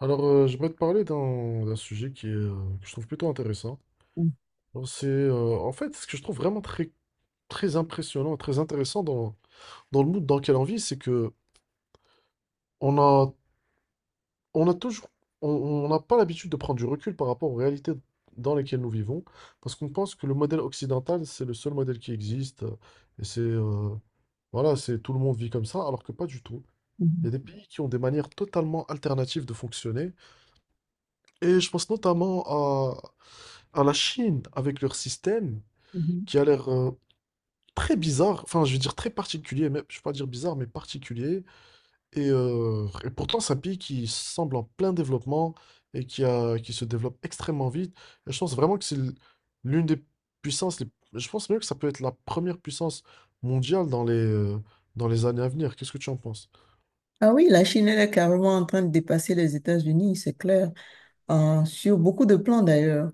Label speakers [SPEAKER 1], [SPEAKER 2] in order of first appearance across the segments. [SPEAKER 1] J'aimerais te parler d'un sujet qui est, que je trouve plutôt intéressant.
[SPEAKER 2] Mhm,
[SPEAKER 1] Alors, c'est, en fait, ce que je trouve vraiment très, très impressionnant, très intéressant dans le monde dans lequel on vit, c'est que on a, on a toujours, on n'a pas l'habitude de prendre du recul par rapport aux réalités dans lesquelles nous vivons, parce qu'on pense que le modèle occidental, c'est le seul modèle qui existe, et c'est, voilà, c'est tout le monde vit comme ça, alors que pas du tout. Il y
[SPEAKER 2] mhm,
[SPEAKER 1] a des pays qui ont des manières totalement alternatives de fonctionner. Et je pense notamment à la Chine avec leur système
[SPEAKER 2] mhm.
[SPEAKER 1] qui a l'air très bizarre, enfin je veux dire très particulier, mais je ne vais pas dire bizarre, mais particulier. Et pourtant c'est un pays qui semble en plein développement et qui se développe extrêmement vite. Et je pense vraiment que c'est l'une des puissances. Je pense même que ça peut être la première puissance mondiale dans les années à venir. Qu'est-ce que tu en penses?
[SPEAKER 2] Ah oui, la Chine, elle est carrément en train de dépasser les États-Unis, c'est clair, sur beaucoup de plans d'ailleurs.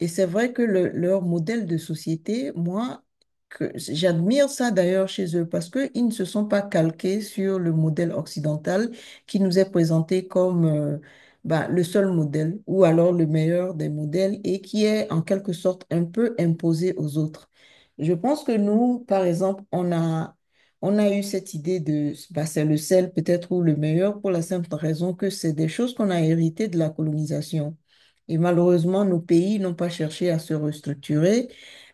[SPEAKER 2] Et c'est vrai que leur modèle de société, moi, que j'admire ça d'ailleurs chez eux parce qu'ils ne se sont pas calqués sur le modèle occidental qui nous est présenté comme bah, le seul modèle ou alors le meilleur des modèles et qui est en quelque sorte un peu imposé aux autres. Je pense que nous, par exemple, on a eu cette idée de, bah, c'est le sel peut-être ou le meilleur pour la simple raison que c'est des choses qu'on a héritées de la colonisation. Et malheureusement, nos pays n'ont pas cherché à se restructurer,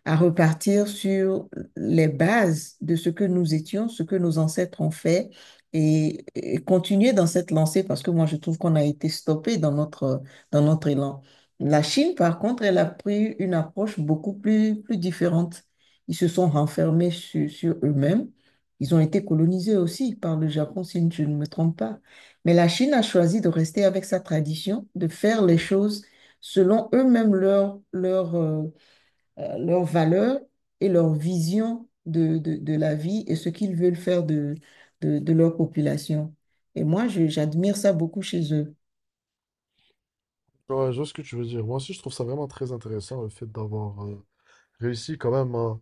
[SPEAKER 2] à repartir sur les bases de ce que nous étions, ce que nos ancêtres ont fait et, continuer dans cette lancée parce que moi, je trouve qu'on a été stoppé dans notre élan. La Chine, par contre, elle a pris une approche beaucoup plus, plus différente. Ils se sont renfermés sur eux-mêmes, ils ont été colonisés aussi par le Japon, si je ne me trompe pas. Mais la Chine a choisi de rester avec sa tradition, de faire les choses selon eux-mêmes leur, leurs valeurs et leur vision de la vie et ce qu'ils veulent faire de leur population. Et moi, j'admire ça beaucoup chez eux.
[SPEAKER 1] Ouais, je vois ce que tu veux dire. Moi aussi je trouve ça vraiment très intéressant le fait d'avoir réussi quand même à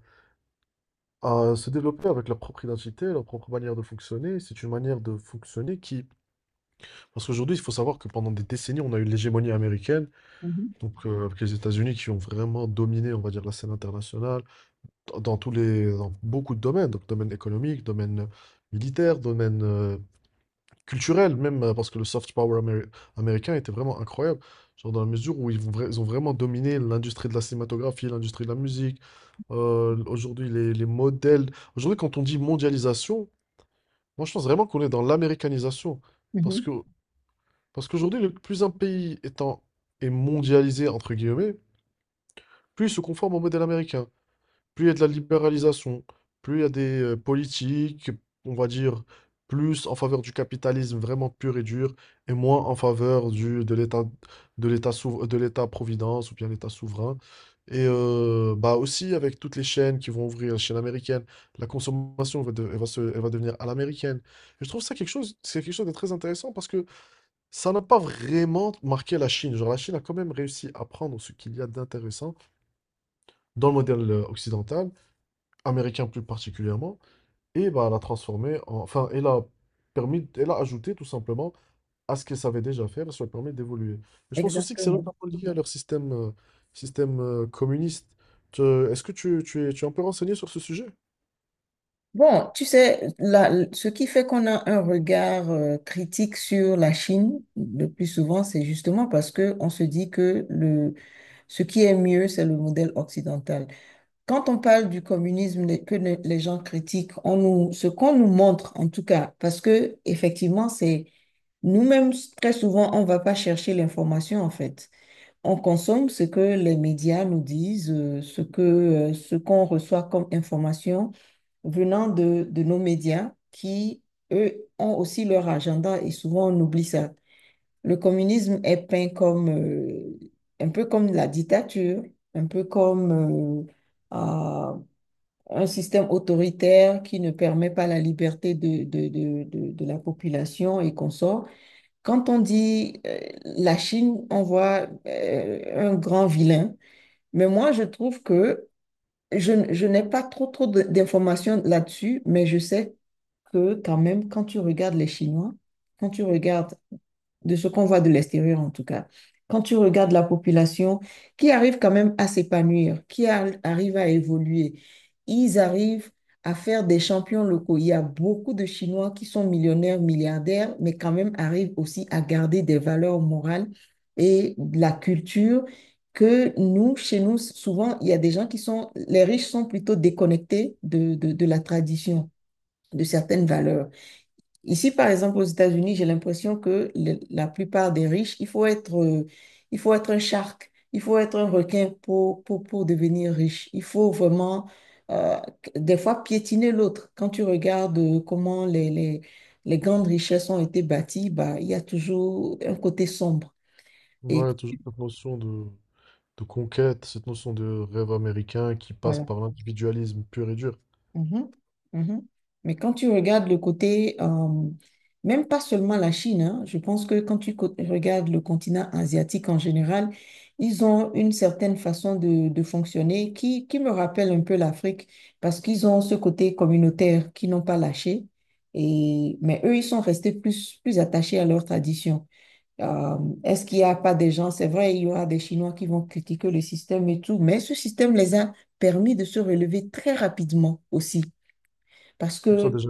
[SPEAKER 1] se développer avec leur propre identité, leur propre manière de fonctionner. C'est une manière de fonctionner qui... Parce qu'aujourd'hui, il faut savoir que pendant des décennies, on a eu l'hégémonie américaine,
[SPEAKER 2] Mhm,
[SPEAKER 1] donc avec les États-Unis qui ont vraiment dominé, on va dire, la scène internationale dans beaucoup de domaines, donc domaine économique, domaine militaire, domaine culturel, même parce que le soft power américain était vraiment incroyable, genre dans la mesure où ils ont vraiment dominé l'industrie de la cinématographie, l'industrie de la musique. Aujourd'hui, les modèles Aujourd'hui, quand on dit mondialisation, moi, je pense vraiment qu'on est dans l'américanisation. Parce
[SPEAKER 2] mhm.
[SPEAKER 1] que, parce qu'aujourd'hui, le plus un pays est mondialisé, entre guillemets, plus il se conforme au modèle américain, plus il y a de la libéralisation, plus il y a des politiques, on va dire, plus en faveur du capitalisme vraiment pur et dur, et moins en faveur de l'État, de de l'État-providence ou bien l'État souverain. Et bah aussi avec toutes les chaînes qui vont ouvrir, la chaîne américaine, la consommation va, de- elle va, se, elle va devenir à l'américaine. Et je trouve c'est quelque chose de très intéressant parce que ça n'a pas vraiment marqué la Chine. Genre la Chine a quand même réussi à prendre ce qu'il y a d'intéressant dans le modèle occidental américain plus particulièrement, et bah, elle a transformé, en- enfin, elle a ajouté tout simplement à ce qu'elle savait déjà faire, et ça lui a permis d'évoluer. Mais je pense aussi que c'est
[SPEAKER 2] Exactement.
[SPEAKER 1] notamment lié à leur système communiste. Tu- Est-ce que tu es un peu renseigné sur ce sujet?
[SPEAKER 2] Bon, tu sais, ce qui fait qu'on a un regard critique sur la Chine le plus souvent, c'est justement parce que on se dit que le, ce qui est mieux, c'est le modèle occidental. Quand on parle du communisme, les- que ne- les gens critiquent, on nous, ce qu'on nous montre, en tout cas, parce que effectivement, c'est nous-mêmes très souvent, on ne va pas chercher l'information en fait. On consomme ce que les médias nous disent, ce que, ce qu'on reçoit comme information venant de nos médias qui, eux, ont aussi leur agenda et souvent on oublie ça. Le communisme est peint comme un peu comme la dictature, un peu comme euh, un système autoritaire qui ne permet pas la liberté de la population et qu'on sort. Quand on dit la Chine, on voit un grand vilain. Mais moi, je trouve que je n'ai pas trop, d'informations là-dessus, mais je sais que quand même, quand tu regardes les Chinois, quand tu regardes de ce qu'on voit de l'extérieur en tout cas. Quand tu regardes la population qui arrive quand même à s'épanouir, qui arrive à évoluer, ils arrivent à faire des champions locaux. Il y a beaucoup de Chinois qui sont millionnaires, milliardaires, mais quand même arrivent aussi à garder des valeurs morales et de la culture que nous, chez nous, souvent, il y a des gens qui sont, les riches sont plutôt déconnectés de, de la tradition, de certaines valeurs. Ici, par exemple, aux États-Unis, j'ai l'impression que la plupart des riches, il faut être un shark, il faut être un requin pour devenir riche. Il faut vraiment, euh, des fois, piétiner l'autre. Quand tu regardes comment les grandes richesses ont été bâties, bah, il y a toujours un côté sombre. Et
[SPEAKER 1] Ouais, toujours cette notion de conquête, cette notion de rêve américain qui passe
[SPEAKER 2] voilà.
[SPEAKER 1] par l'individualisme pur et dur.
[SPEAKER 2] Mhm, mhm. Mais quand tu regardes le côté, même pas seulement la Chine, hein, je pense que quand tu regardes le continent asiatique en général, ils ont une certaine façon de fonctionner qui me rappelle un peu l'Afrique parce qu'ils ont ce côté communautaire qu'ils n'ont pas lâché. Et, mais eux, ils sont restés plus, plus attachés à leur tradition. Euh, est-ce qu'il n'y a pas des gens, c'est vrai, il y aura des Chinois qui vont critiquer le système et tout, mais ce système les a permis de se relever très rapidement aussi. Parce
[SPEAKER 1] Pour ça
[SPEAKER 2] que,
[SPEAKER 1] déjà.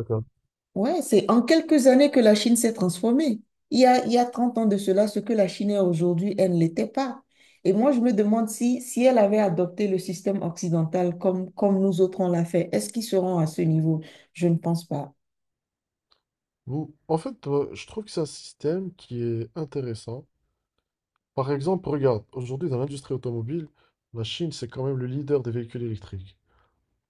[SPEAKER 2] ouais, c'est en quelques années que la Chine s'est transformée. Il y a 30 ans de cela, ce que la Chine est aujourd'hui, elle ne l'était pas. Et moi, je me demande si, si elle avait adopté le système occidental comme, comme nous autres on l'a fait, est-ce qu'ils seront à ce niveau? Je ne pense pas.
[SPEAKER 1] En fait, je trouve que c'est un système qui est intéressant. Par exemple, regarde, aujourd'hui dans l'industrie automobile, la Chine, c'est quand même le leader des véhicules électriques.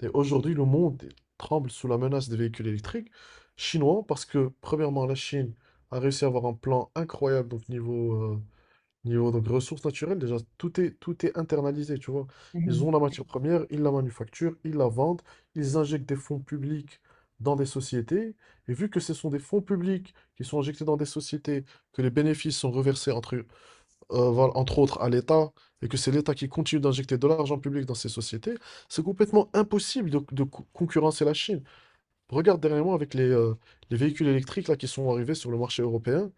[SPEAKER 1] Et aujourd'hui, le monde tremble sous la menace des véhicules électriques chinois parce que, premièrement, la Chine a réussi à avoir un plan incroyable donc niveau donc ressources naturelles, déjà, tout est internalisé, tu vois. Ils
[SPEAKER 2] Mhm.
[SPEAKER 1] ont la matière première, ils la manufacturent, ils la vendent, ils injectent des fonds publics dans des sociétés. Et vu que ce sont des fonds publics qui sont injectés dans des sociétés, que les bénéfices sont reversés voilà, entre autres à l'État, et que c'est l'État qui continue d'injecter de l'argent public dans ces sociétés, c'est complètement impossible de concurrencer la Chine. Regarde derrière moi avec les véhicules électriques là, qui sont arrivés sur le marché européen,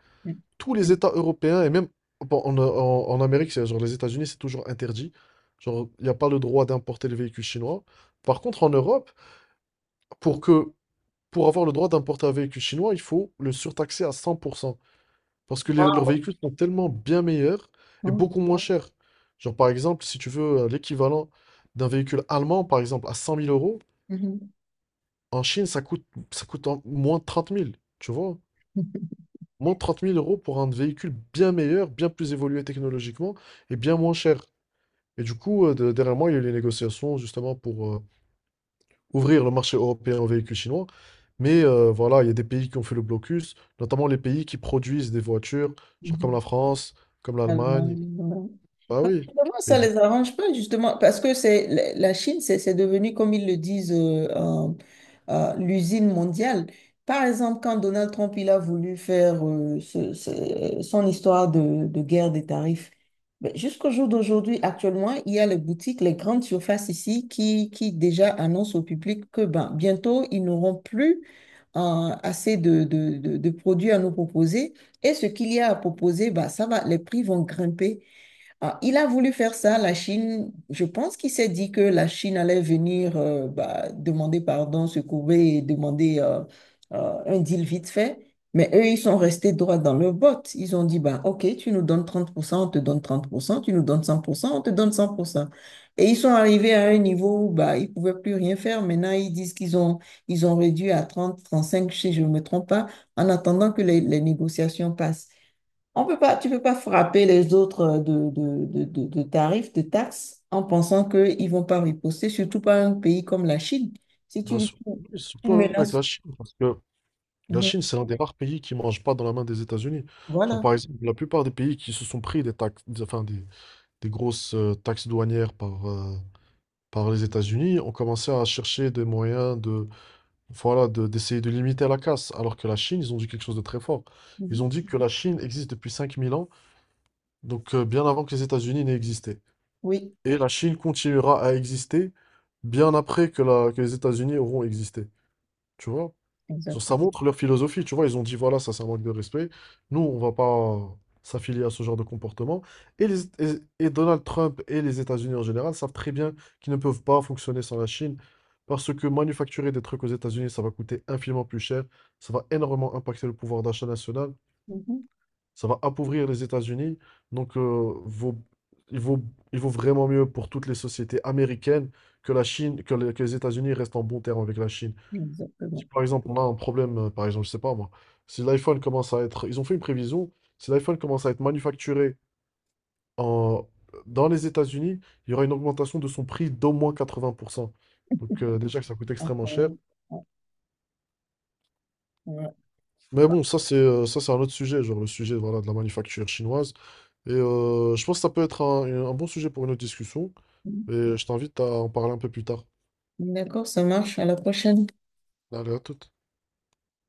[SPEAKER 1] tous les États européens, et même bon, en Amérique, genre les États-Unis, c'est toujours interdit. Genre, il n'y a pas le droit d'importer les véhicules chinois. Par contre, en Europe, pour que pour avoir le droit d'importer un véhicule chinois, il faut le surtaxer à 100%. Parce que leurs véhicules sont tellement bien meilleurs et
[SPEAKER 2] Mhm.
[SPEAKER 1] beaucoup moins chers. Genre, par exemple, si tu veux l'équivalent d'un véhicule allemand, par exemple, à 100 000 euros,
[SPEAKER 2] Mhm.
[SPEAKER 1] en Chine, moins de 30 000, tu vois?
[SPEAKER 2] Mhm.
[SPEAKER 1] Moins de 30 000 euros pour un véhicule bien meilleur, bien plus évolué technologiquement et bien moins cher. Et du coup, derrière moi, il y a eu les négociations justement pour ouvrir le marché européen aux véhicules chinois. Mais voilà, il y a des pays qui ont fait le blocus, notamment les pays qui produisent des voitures, genre comme la
[SPEAKER 2] Mhm.
[SPEAKER 1] France, comme l'Allemagne.
[SPEAKER 2] Allemagne, ouais.
[SPEAKER 1] Bah
[SPEAKER 2] Bah,
[SPEAKER 1] oui.
[SPEAKER 2] comment
[SPEAKER 1] Et
[SPEAKER 2] ça
[SPEAKER 1] du coup,
[SPEAKER 2] les arrange pas, justement, parce que c'est la Chine, c'est devenu, comme ils le disent, l'usine mondiale. Par exemple, quand Donald Trump il a voulu faire son histoire de guerre des tarifs, ben, jusqu'au jour d'aujourd'hui, actuellement, il y a les boutiques, les grandes surfaces ici qui déjà annoncent au public que ben, bientôt, ils n'auront plus euh, assez de, de produits à nous proposer, et ce qu'il y a à proposer, bah, ça va, les prix vont grimper, ah, il a voulu faire ça, la Chine, je pense qu'il s'est dit que la Chine allait venir bah, demander pardon, se courber et demander un deal vite fait. Mais eux, ils sont restés droits dans leur botte. Ils ont dit, bah, OK, tu nous donnes 30%, on te donne 30%, tu nous donnes 100%, on te donne 100%. Et ils sont arrivés à un niveau où bah, ils ne pouvaient plus rien faire. Maintenant, ils disent ils ont réduit à 30, 35, si je ne me trompe pas, en attendant que les négociations passent. On peut pas, tu peux pas frapper les autres de tarifs, de taxes, en pensant qu'ils vont pas riposter, surtout pas un pays comme la Chine. Si
[SPEAKER 1] bah,
[SPEAKER 2] tu
[SPEAKER 1] oui,
[SPEAKER 2] tu
[SPEAKER 1] surtout avec
[SPEAKER 2] menaces.
[SPEAKER 1] la Chine, parce que la
[SPEAKER 2] Mhm.
[SPEAKER 1] Chine, c'est l'un des rares pays qui ne mange pas dans la main des États-Unis. Genre,
[SPEAKER 2] Voilà.
[SPEAKER 1] par exemple, la plupart des pays qui se sont pris enfin, des grosses taxes douanières par les États-Unis ont commencé à chercher des moyens de, voilà, d'essayer de limiter la casse, alors que la Chine, ils ont dit quelque chose de très fort.
[SPEAKER 2] Mhm.
[SPEAKER 1] Ils ont dit que la Chine existe depuis 5 000 ans, donc bien avant que les États-Unis n'aient existé.
[SPEAKER 2] Oui,
[SPEAKER 1] Et la Chine continuera à exister bien après que, que les États-Unis auront existé. Tu vois? Genre, ça
[SPEAKER 2] exactement.
[SPEAKER 1] montre leur philosophie, tu vois, ils ont dit, voilà, ça c'est un manque de respect, nous, on va pas s'affilier à ce genre de comportement. Et Donald Trump et les États-Unis en général savent très bien qu'ils ne peuvent pas fonctionner sans la Chine, parce que manufacturer des trucs aux États-Unis, ça va coûter infiniment plus cher, ça va énormément impacter le pouvoir d'achat national,
[SPEAKER 2] Mhm.
[SPEAKER 1] ça va appauvrir les États-Unis, donc il vaut, il vaut vraiment mieux pour toutes les sociétés américaines que la Chine, que les États-Unis restent en bon terme avec la Chine. Si
[SPEAKER 2] Exactement.
[SPEAKER 1] par exemple on a un problème, par exemple, je sais pas moi, si l'iPhone commence à être, ils ont fait une prévision, si l'iPhone commence à être manufacturé en, dans les États-Unis, il y aura une augmentation de son prix d'au moins 80%. Donc déjà que ça coûte extrêmement cher.
[SPEAKER 2] Incroyable. Ouais.
[SPEAKER 1] Mais bon, ça c'est un autre sujet, genre le sujet voilà, de la manufacture chinoise. Et je pense que ça peut être un bon sujet pour une autre discussion.
[SPEAKER 2] Mhm.
[SPEAKER 1] Et je t'invite à en parler un peu plus tard.
[SPEAKER 2] D'accord, ça marche. À la prochaine.
[SPEAKER 1] Allez, à toute.